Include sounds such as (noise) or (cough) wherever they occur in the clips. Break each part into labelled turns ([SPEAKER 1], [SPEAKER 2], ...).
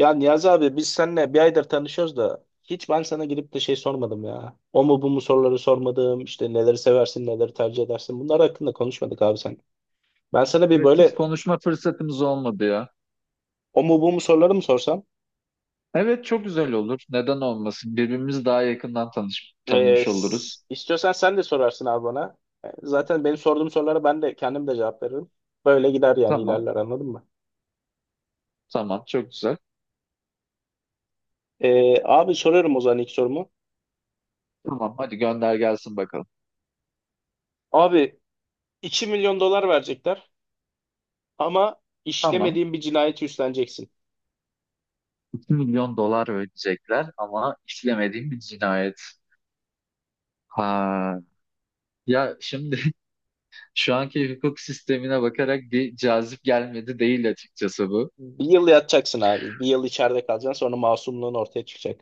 [SPEAKER 1] Ya Niyazi abi biz seninle bir aydır tanışıyoruz da hiç ben sana gidip de şey sormadım ya. O mu bu mu soruları sormadım. İşte neleri seversin, neleri tercih edersin. Bunlar hakkında konuşmadık abi sen. Ben sana bir
[SPEAKER 2] Evet hiç
[SPEAKER 1] böyle
[SPEAKER 2] konuşma fırsatımız olmadı ya.
[SPEAKER 1] o mu bu mu soruları mı sorsam?
[SPEAKER 2] Evet çok güzel olur. Neden olmasın? Birbirimizi daha yakından tanış tanımış oluruz.
[SPEAKER 1] İstiyorsan sen de sorarsın abi bana. Zaten benim sorduğum sorulara ben de kendim de cevap veririm. Böyle gider yani
[SPEAKER 2] Tamam.
[SPEAKER 1] ilerler anladın mı?
[SPEAKER 2] Tamam çok güzel.
[SPEAKER 1] Abi soruyorum o zaman ilk sorumu.
[SPEAKER 2] Tamam hadi gönder gelsin bakalım.
[SPEAKER 1] Abi 2 milyon dolar verecekler ama
[SPEAKER 2] Tamam.
[SPEAKER 1] işlemediğin bir cinayeti üstleneceksin.
[SPEAKER 2] 2 milyon dolar ödeyecekler ama işlemediğim bir cinayet. Ha. Ya şimdi (laughs) şu anki hukuk sistemine bakarak bir cazip gelmedi değil açıkçası bu.
[SPEAKER 1] Bir yıl yatacaksın abi. Bir yıl içeride kalacaksın sonra masumluğun ortaya çıkacak.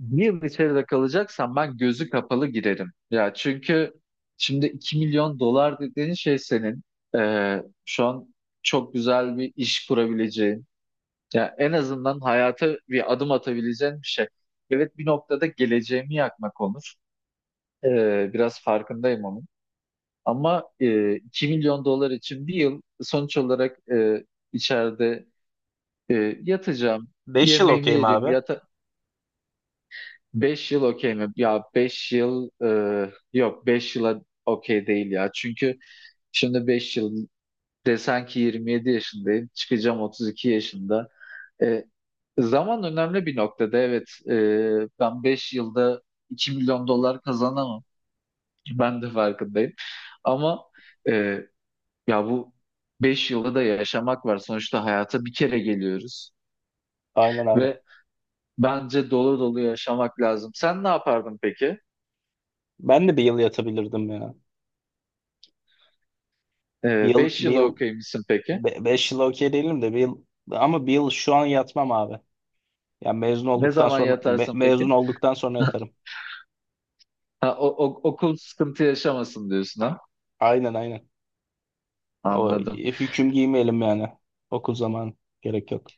[SPEAKER 2] Bir yıl içeride kalacaksam ben gözü kapalı girerim. Ya çünkü şimdi 2 milyon dolar dediğin şey senin, şu an çok güzel bir iş kurabileceğin, ya en azından hayata bir adım atabileceğin bir şey. Evet bir noktada geleceğimi yakmak olur. Biraz farkındayım onun. Ama 2 milyon dolar için bir yıl sonuç olarak, içeride yatacağım,
[SPEAKER 1] 5 yıl
[SPEAKER 2] yemeğimi
[SPEAKER 1] okeyim
[SPEAKER 2] yerim,
[SPEAKER 1] abi.
[SPEAKER 2] 5 yıl okey mi? Ya 5 yıl yok, 5 yıla okey değil ya. Çünkü şimdi 5 yıl desen ki, 27 yaşındayım, çıkacağım 32 yaşında. E, zaman önemli bir noktada, evet, ben 5 yılda 2 milyon dolar kazanamam. Ben de farkındayım. Ama e, ya bu 5 yılda da yaşamak var. Sonuçta hayata bir kere geliyoruz
[SPEAKER 1] Aynen abi.
[SPEAKER 2] ve bence dolu dolu yaşamak lazım. Sen ne yapardın peki?
[SPEAKER 1] Ben de bir yıl yatabilirdim ya. Bir
[SPEAKER 2] Ee,
[SPEAKER 1] yıl,
[SPEAKER 2] beş
[SPEAKER 1] bir
[SPEAKER 2] yıla
[SPEAKER 1] yıl,
[SPEAKER 2] okuyayım peki?
[SPEAKER 1] beş yıl okey değilim de bir yıl ama bir yıl şu an yatmam abi. Yani
[SPEAKER 2] Ne zaman yatarsın
[SPEAKER 1] mezun
[SPEAKER 2] peki?
[SPEAKER 1] olduktan sonra
[SPEAKER 2] (laughs)
[SPEAKER 1] yatarım.
[SPEAKER 2] Ha, okul sıkıntı yaşamasın diyorsun, ha?
[SPEAKER 1] Aynen aynen. O
[SPEAKER 2] Anladım.
[SPEAKER 1] hüküm giymeyelim yani. Okul zamanı gerek yok.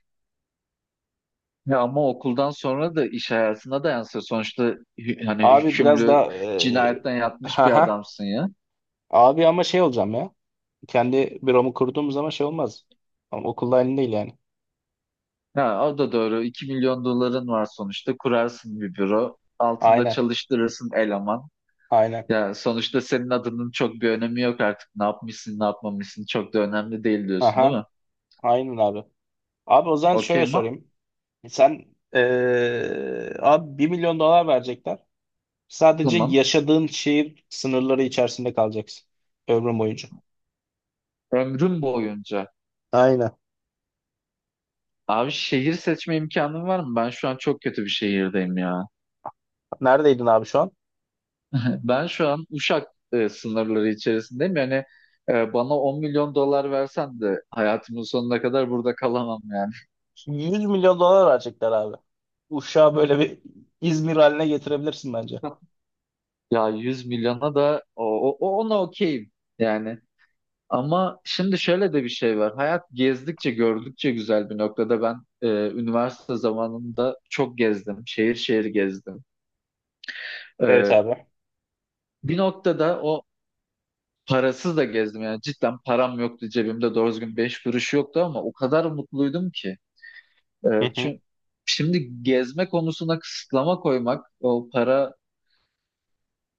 [SPEAKER 2] Ya ama okuldan sonra da iş hayatına da yansıyor. Sonuçta hani,
[SPEAKER 1] Abi biraz
[SPEAKER 2] hükümlü,
[SPEAKER 1] daha
[SPEAKER 2] cinayetten yatmış bir
[SPEAKER 1] haha.
[SPEAKER 2] adamsın ya.
[SPEAKER 1] Abi ama şey olacağım ya. Kendi büromu kurduğum zaman şey olmaz. Ama okulda aynı değil yani.
[SPEAKER 2] Ya o da doğru. 2 milyon doların var sonuçta. Kurarsın bir büro. Altında
[SPEAKER 1] Aynen.
[SPEAKER 2] çalıştırırsın eleman.
[SPEAKER 1] Aynen.
[SPEAKER 2] Ya sonuçta senin adının çok bir önemi yok artık. Ne yapmışsın, ne yapmamışsın çok da önemli değil diyorsun, değil
[SPEAKER 1] Aha.
[SPEAKER 2] mi?
[SPEAKER 1] Aynen abi. Abi o zaman
[SPEAKER 2] Okey
[SPEAKER 1] şöyle
[SPEAKER 2] ma?
[SPEAKER 1] sorayım. Sen abi 1 milyon dolar verecekler. Sadece
[SPEAKER 2] Tamam.
[SPEAKER 1] yaşadığın şehir sınırları içerisinde kalacaksın. Ömrün boyunca.
[SPEAKER 2] Ömrüm boyunca.
[SPEAKER 1] Aynen.
[SPEAKER 2] Abi, şehir seçme imkanım var mı? Ben şu an çok kötü bir şehirdeyim ya.
[SPEAKER 1] Neredeydin abi şu an?
[SPEAKER 2] (laughs) Ben şu an Uşak sınırları içerisindeyim. Yani bana 10 milyon dolar versen de hayatımın sonuna kadar burada kalamam yani.
[SPEAKER 1] 100 milyon dolar verecekler abi. Uşağı böyle bir İzmir haline getirebilirsin bence.
[SPEAKER 2] (laughs) Ya 100 milyona da ona okeyim yani. Ama şimdi şöyle de bir şey var. Hayat gezdikçe gördükçe güzel bir noktada. Ben üniversite zamanında çok gezdim. Şehir şehir gezdim.
[SPEAKER 1] Evet
[SPEAKER 2] E,
[SPEAKER 1] abi.
[SPEAKER 2] Bir noktada o, parasız da gezdim yani, cidden param yoktu cebimde, doğru düzgün 5 kuruş yoktu ama o kadar mutluydum ki.
[SPEAKER 1] Hı hı.
[SPEAKER 2] Çünkü şimdi gezme konusuna kısıtlama koymak, o para,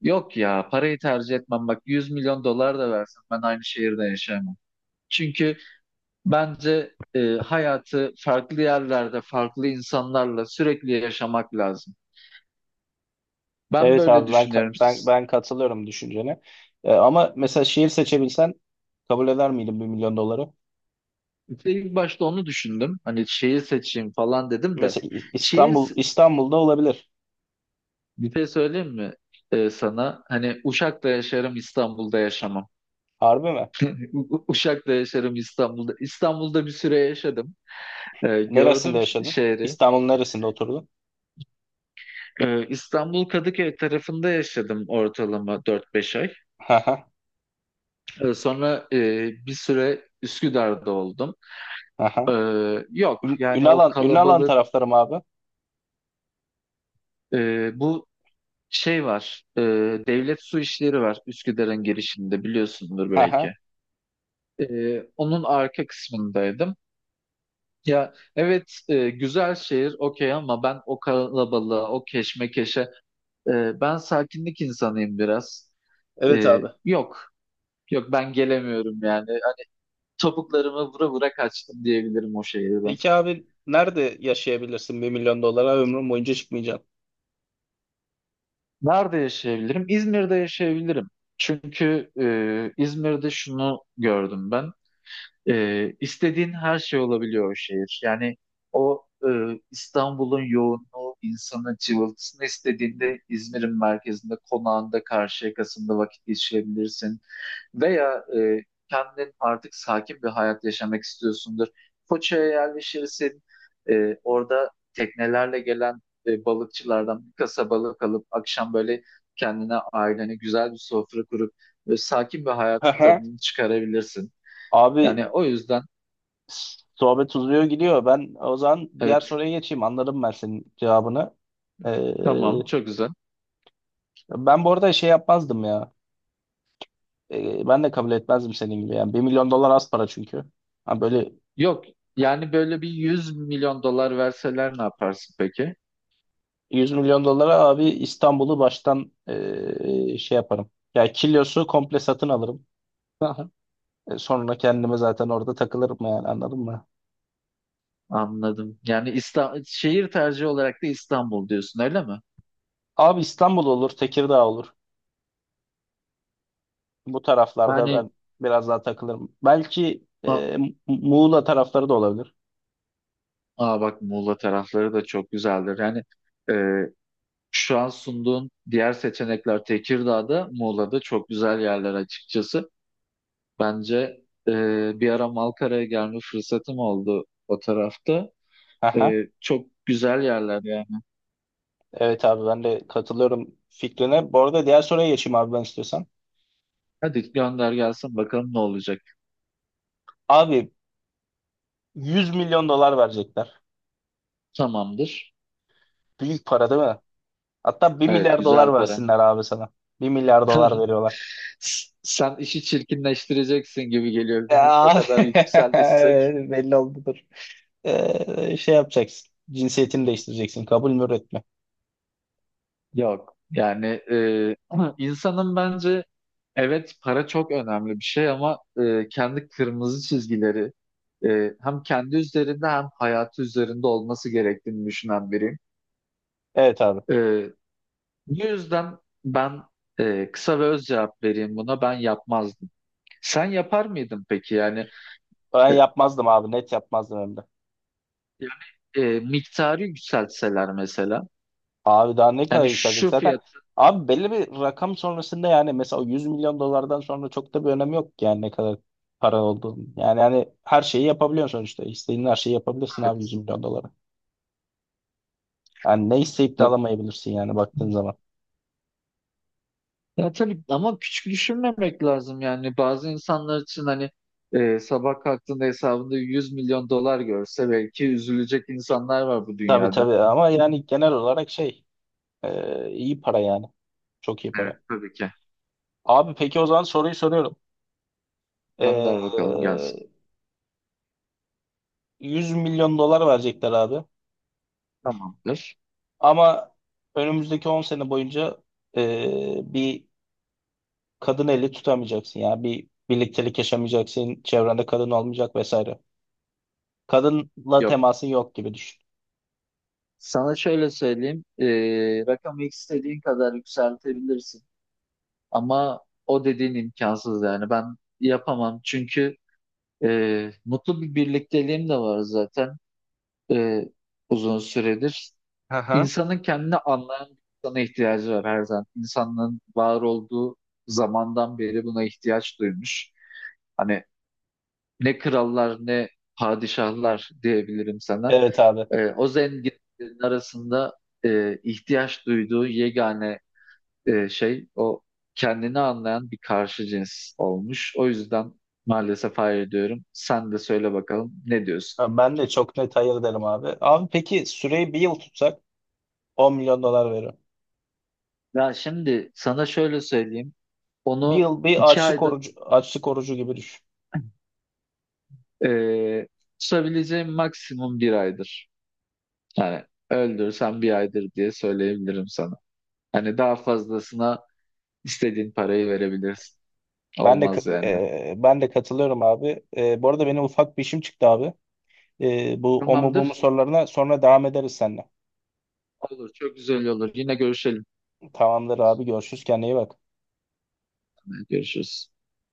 [SPEAKER 2] yok ya, parayı tercih etmem, bak, 100 milyon dolar da versin ben aynı şehirde yaşayamam. Çünkü bence hayatı farklı yerlerde, farklı insanlarla sürekli yaşamak lazım. Ben
[SPEAKER 1] Evet
[SPEAKER 2] böyle
[SPEAKER 1] abi ben ka-
[SPEAKER 2] düşünüyorum.
[SPEAKER 1] ben ben katılıyorum düşüncene. Ama mesela şehir seçebilsen kabul eder miydin 1 milyon doları?
[SPEAKER 2] İlk başta onu düşündüm, hani şehir seçeyim falan dedim de,
[SPEAKER 1] Mesela
[SPEAKER 2] şehir
[SPEAKER 1] İstanbul'da olabilir.
[SPEAKER 2] bir şey söyleyeyim mi sana? Hani, Uşak'ta yaşarım, İstanbul'da yaşamam.
[SPEAKER 1] Harbi mi?
[SPEAKER 2] Uşak'ta yaşarım, İstanbul'da. İstanbul'da bir süre yaşadım. E,
[SPEAKER 1] Neresinde
[SPEAKER 2] gördüm
[SPEAKER 1] yaşadın?
[SPEAKER 2] şehri.
[SPEAKER 1] İstanbul'un neresinde oturdun?
[SPEAKER 2] İstanbul Kadıköy tarafında yaşadım, ortalama 4-5 ay.
[SPEAKER 1] (laughs) Haha.
[SPEAKER 2] Sonra bir süre Üsküdar'da oldum. E,
[SPEAKER 1] Haha.
[SPEAKER 2] yok yani, o
[SPEAKER 1] Ünalan
[SPEAKER 2] kalabalık,
[SPEAKER 1] taraflarım abi.
[SPEAKER 2] bu şey var. Devlet Su İşleri var Üsküdar'ın girişinde, biliyorsundur
[SPEAKER 1] Haha.
[SPEAKER 2] belki. E, onun arka kısmındaydım. Ya evet, güzel şehir, okey, ama ben o kalabalığa, o keşmekeşe, ben sakinlik insanıyım biraz.
[SPEAKER 1] Evet
[SPEAKER 2] E,
[SPEAKER 1] abi.
[SPEAKER 2] yok yok, ben gelemiyorum yani. Topuklarımı vura vura kaçtım diyebilirim o şehirden.
[SPEAKER 1] Peki abi nerede yaşayabilirsin 1 milyon dolara ömrün boyunca çıkmayacaksın?
[SPEAKER 2] Nerede yaşayabilirim? İzmir'de yaşayabilirim. Çünkü İzmir'de şunu gördüm ben. E, istediğin her şey olabiliyor o şehir. Yani o, İstanbul'un yoğunluğu, insanın cıvıltısını istediğinde, İzmir'in merkezinde, konağında, Karşıyaka'sında vakit geçirebilirsin. Veya kendin artık sakin bir hayat yaşamak istiyorsundur. Foça'ya yerleşirsin. Orada teknelerle gelen balıkçılardan bir kasa balık alıp, akşam böyle kendine, ailene güzel bir sofra kurup sakin bir hayatın
[SPEAKER 1] Haha.
[SPEAKER 2] tadını çıkarabilirsin.
[SPEAKER 1] Abi
[SPEAKER 2] Yani o yüzden.
[SPEAKER 1] sohbet uzuyor gidiyor. Ben o zaman diğer
[SPEAKER 2] Evet,
[SPEAKER 1] soruya geçeyim. Anladım ben senin cevabını. Ee,
[SPEAKER 2] tamam, çok güzel.
[SPEAKER 1] Ben bu arada şey yapmazdım ya. Ben de kabul etmezdim senin gibi. Yani 1 milyon dolar az para çünkü. Ha böyle
[SPEAKER 2] Yok, yani, böyle bir 100 milyon dolar verseler ne yaparsın peki?
[SPEAKER 1] 100 milyon dolara abi İstanbul'u baştan şey yaparım. Ya kilosu komple satın alırım.
[SPEAKER 2] Aha.
[SPEAKER 1] Sonra kendime zaten orada takılırım yani anladın mı?
[SPEAKER 2] Anladım. Yani, şehir tercihi olarak da İstanbul diyorsun, öyle mi?
[SPEAKER 1] Abi İstanbul olur, Tekirdağ olur. Bu taraflarda ben
[SPEAKER 2] Yani,
[SPEAKER 1] biraz daha takılırım. Belki
[SPEAKER 2] a-
[SPEAKER 1] Muğla tarafları da olabilir.
[SPEAKER 2] bak, Muğla tarafları da çok güzeldir. Yani e, şu an sunduğun diğer seçenekler, Tekirdağ'da, Muğla'da çok güzel yerler açıkçası. Bence bir ara Malkara'ya gelme fırsatım oldu o tarafta.
[SPEAKER 1] Aha.
[SPEAKER 2] Çok güzel yerler yani.
[SPEAKER 1] Evet abi ben de katılıyorum fikrine. Bu arada diğer soruya geçeyim abi ben istiyorsan.
[SPEAKER 2] Hadi gönder gelsin bakalım ne olacak.
[SPEAKER 1] Abi 100 milyon dolar verecekler.
[SPEAKER 2] Tamamdır.
[SPEAKER 1] Büyük para değil mi? Hatta bir
[SPEAKER 2] Evet,
[SPEAKER 1] milyar dolar
[SPEAKER 2] güzel para.
[SPEAKER 1] versinler abi sana. 1 milyar dolar
[SPEAKER 2] (laughs)
[SPEAKER 1] veriyorlar.
[SPEAKER 2] Sen işi çirkinleştireceksin gibi geliyor. O
[SPEAKER 1] Ya (laughs)
[SPEAKER 2] kadar yükseldiysek,
[SPEAKER 1] belli oldudur. Şey yapacaksın. Cinsiyetini değiştireceksin. Kabul mü üretme.
[SPEAKER 2] yok. Yani (clears throat) ama insanın bence, evet, para çok önemli bir şey, ama kendi kırmızı çizgileri hem kendi üzerinde hem hayatı üzerinde olması gerektiğini düşünen biriyim.
[SPEAKER 1] Evet abi.
[SPEAKER 2] E, bu yüzden ben kısa ve öz cevap vereyim buna. Ben yapmazdım. Sen yapar mıydın peki? Yani.
[SPEAKER 1] Ben
[SPEAKER 2] E,
[SPEAKER 1] yapmazdım abi. Net yapmazdım hem de.
[SPEAKER 2] Yani, miktarı yükseltseler mesela.
[SPEAKER 1] Abi daha ne kadar
[SPEAKER 2] Yani
[SPEAKER 1] yükselecek
[SPEAKER 2] şu
[SPEAKER 1] zaten.
[SPEAKER 2] fiyat,
[SPEAKER 1] Abi belli bir rakam sonrasında yani mesela o 100 milyon dolardan sonra çok da bir önemi yok ki yani ne kadar para olduğunun. Yani hani her şeyi yapabiliyorsun sonuçta. İstediğin her şeyi yapabilirsin abi 100
[SPEAKER 2] evet.
[SPEAKER 1] milyon dolara. Yani ne isteyip de
[SPEAKER 2] Ya,
[SPEAKER 1] alamayabilirsin yani baktığın zaman.
[SPEAKER 2] ya tabii, ama küçük düşünmemek lazım yani. Bazı insanlar için hani sabah kalktığında hesabında 100 milyon dolar görse belki üzülecek insanlar var bu
[SPEAKER 1] Tabii
[SPEAKER 2] dünyada.
[SPEAKER 1] tabii ama yani genel olarak şey iyi para yani. Çok iyi
[SPEAKER 2] Evet,
[SPEAKER 1] para.
[SPEAKER 2] tabii ki.
[SPEAKER 1] Abi peki o zaman soruyu soruyorum. Ee,
[SPEAKER 2] Gönder bakalım gelsin.
[SPEAKER 1] 100 milyon dolar verecekler abi.
[SPEAKER 2] Tamamdır.
[SPEAKER 1] Ama önümüzdeki 10 sene boyunca bir kadın eli tutamayacaksın ya. Bir birliktelik yaşamayacaksın. Çevrende kadın olmayacak vesaire. Kadınla
[SPEAKER 2] Yok.
[SPEAKER 1] temasın yok gibi düşün.
[SPEAKER 2] Sana şöyle söyleyeyim. Rakamı istediğin kadar yükseltebilirsin. Ama o dediğin imkansız yani. Ben yapamam çünkü mutlu bir birlikteliğim de var zaten, ee, uzun süredir.
[SPEAKER 1] Hı hı.
[SPEAKER 2] İnsanın kendini anlayan bir insana ihtiyacı var her zaman. İnsanlığın var olduğu zamandan beri buna ihtiyaç duymuş. Hani, ne krallar, ne padişahlar diyebilirim sana.
[SPEAKER 1] Evet abi.
[SPEAKER 2] O zenginlerin arasında ihtiyaç duyduğu yegane şey, o kendini anlayan bir karşı cins olmuş. O yüzden maalesef hayır diyorum. Sen de söyle bakalım, ne diyorsun?
[SPEAKER 1] Ben de çok net hayır derim abi. Abi peki süreyi bir yıl tutsak 10 milyon dolar veririm.
[SPEAKER 2] Ya şimdi, sana şöyle söyleyeyim.
[SPEAKER 1] Bir
[SPEAKER 2] Onu
[SPEAKER 1] yıl bir
[SPEAKER 2] iki
[SPEAKER 1] açlık
[SPEAKER 2] ayda
[SPEAKER 1] orucu, açlık orucu gibi düşün.
[SPEAKER 2] e, tutabileceğim maksimum bir aydır. Yani, öldürsen bir aydır diye söyleyebilirim sana. Hani daha fazlasına istediğin parayı verebilirsin.
[SPEAKER 1] Ben de ka-
[SPEAKER 2] Olmaz yani.
[SPEAKER 1] e, ben de katılıyorum abi. Bu arada benim ufak bir işim çıktı abi. Bu o mu bu mu
[SPEAKER 2] Tamamdır.
[SPEAKER 1] sorularına sonra devam ederiz seninle.
[SPEAKER 2] Olur. Çok güzel olur. Yine görüşelim.
[SPEAKER 1] Tamamdır abi görüşürüz kendine iyi bak.
[SPEAKER 2] Görüşürüz.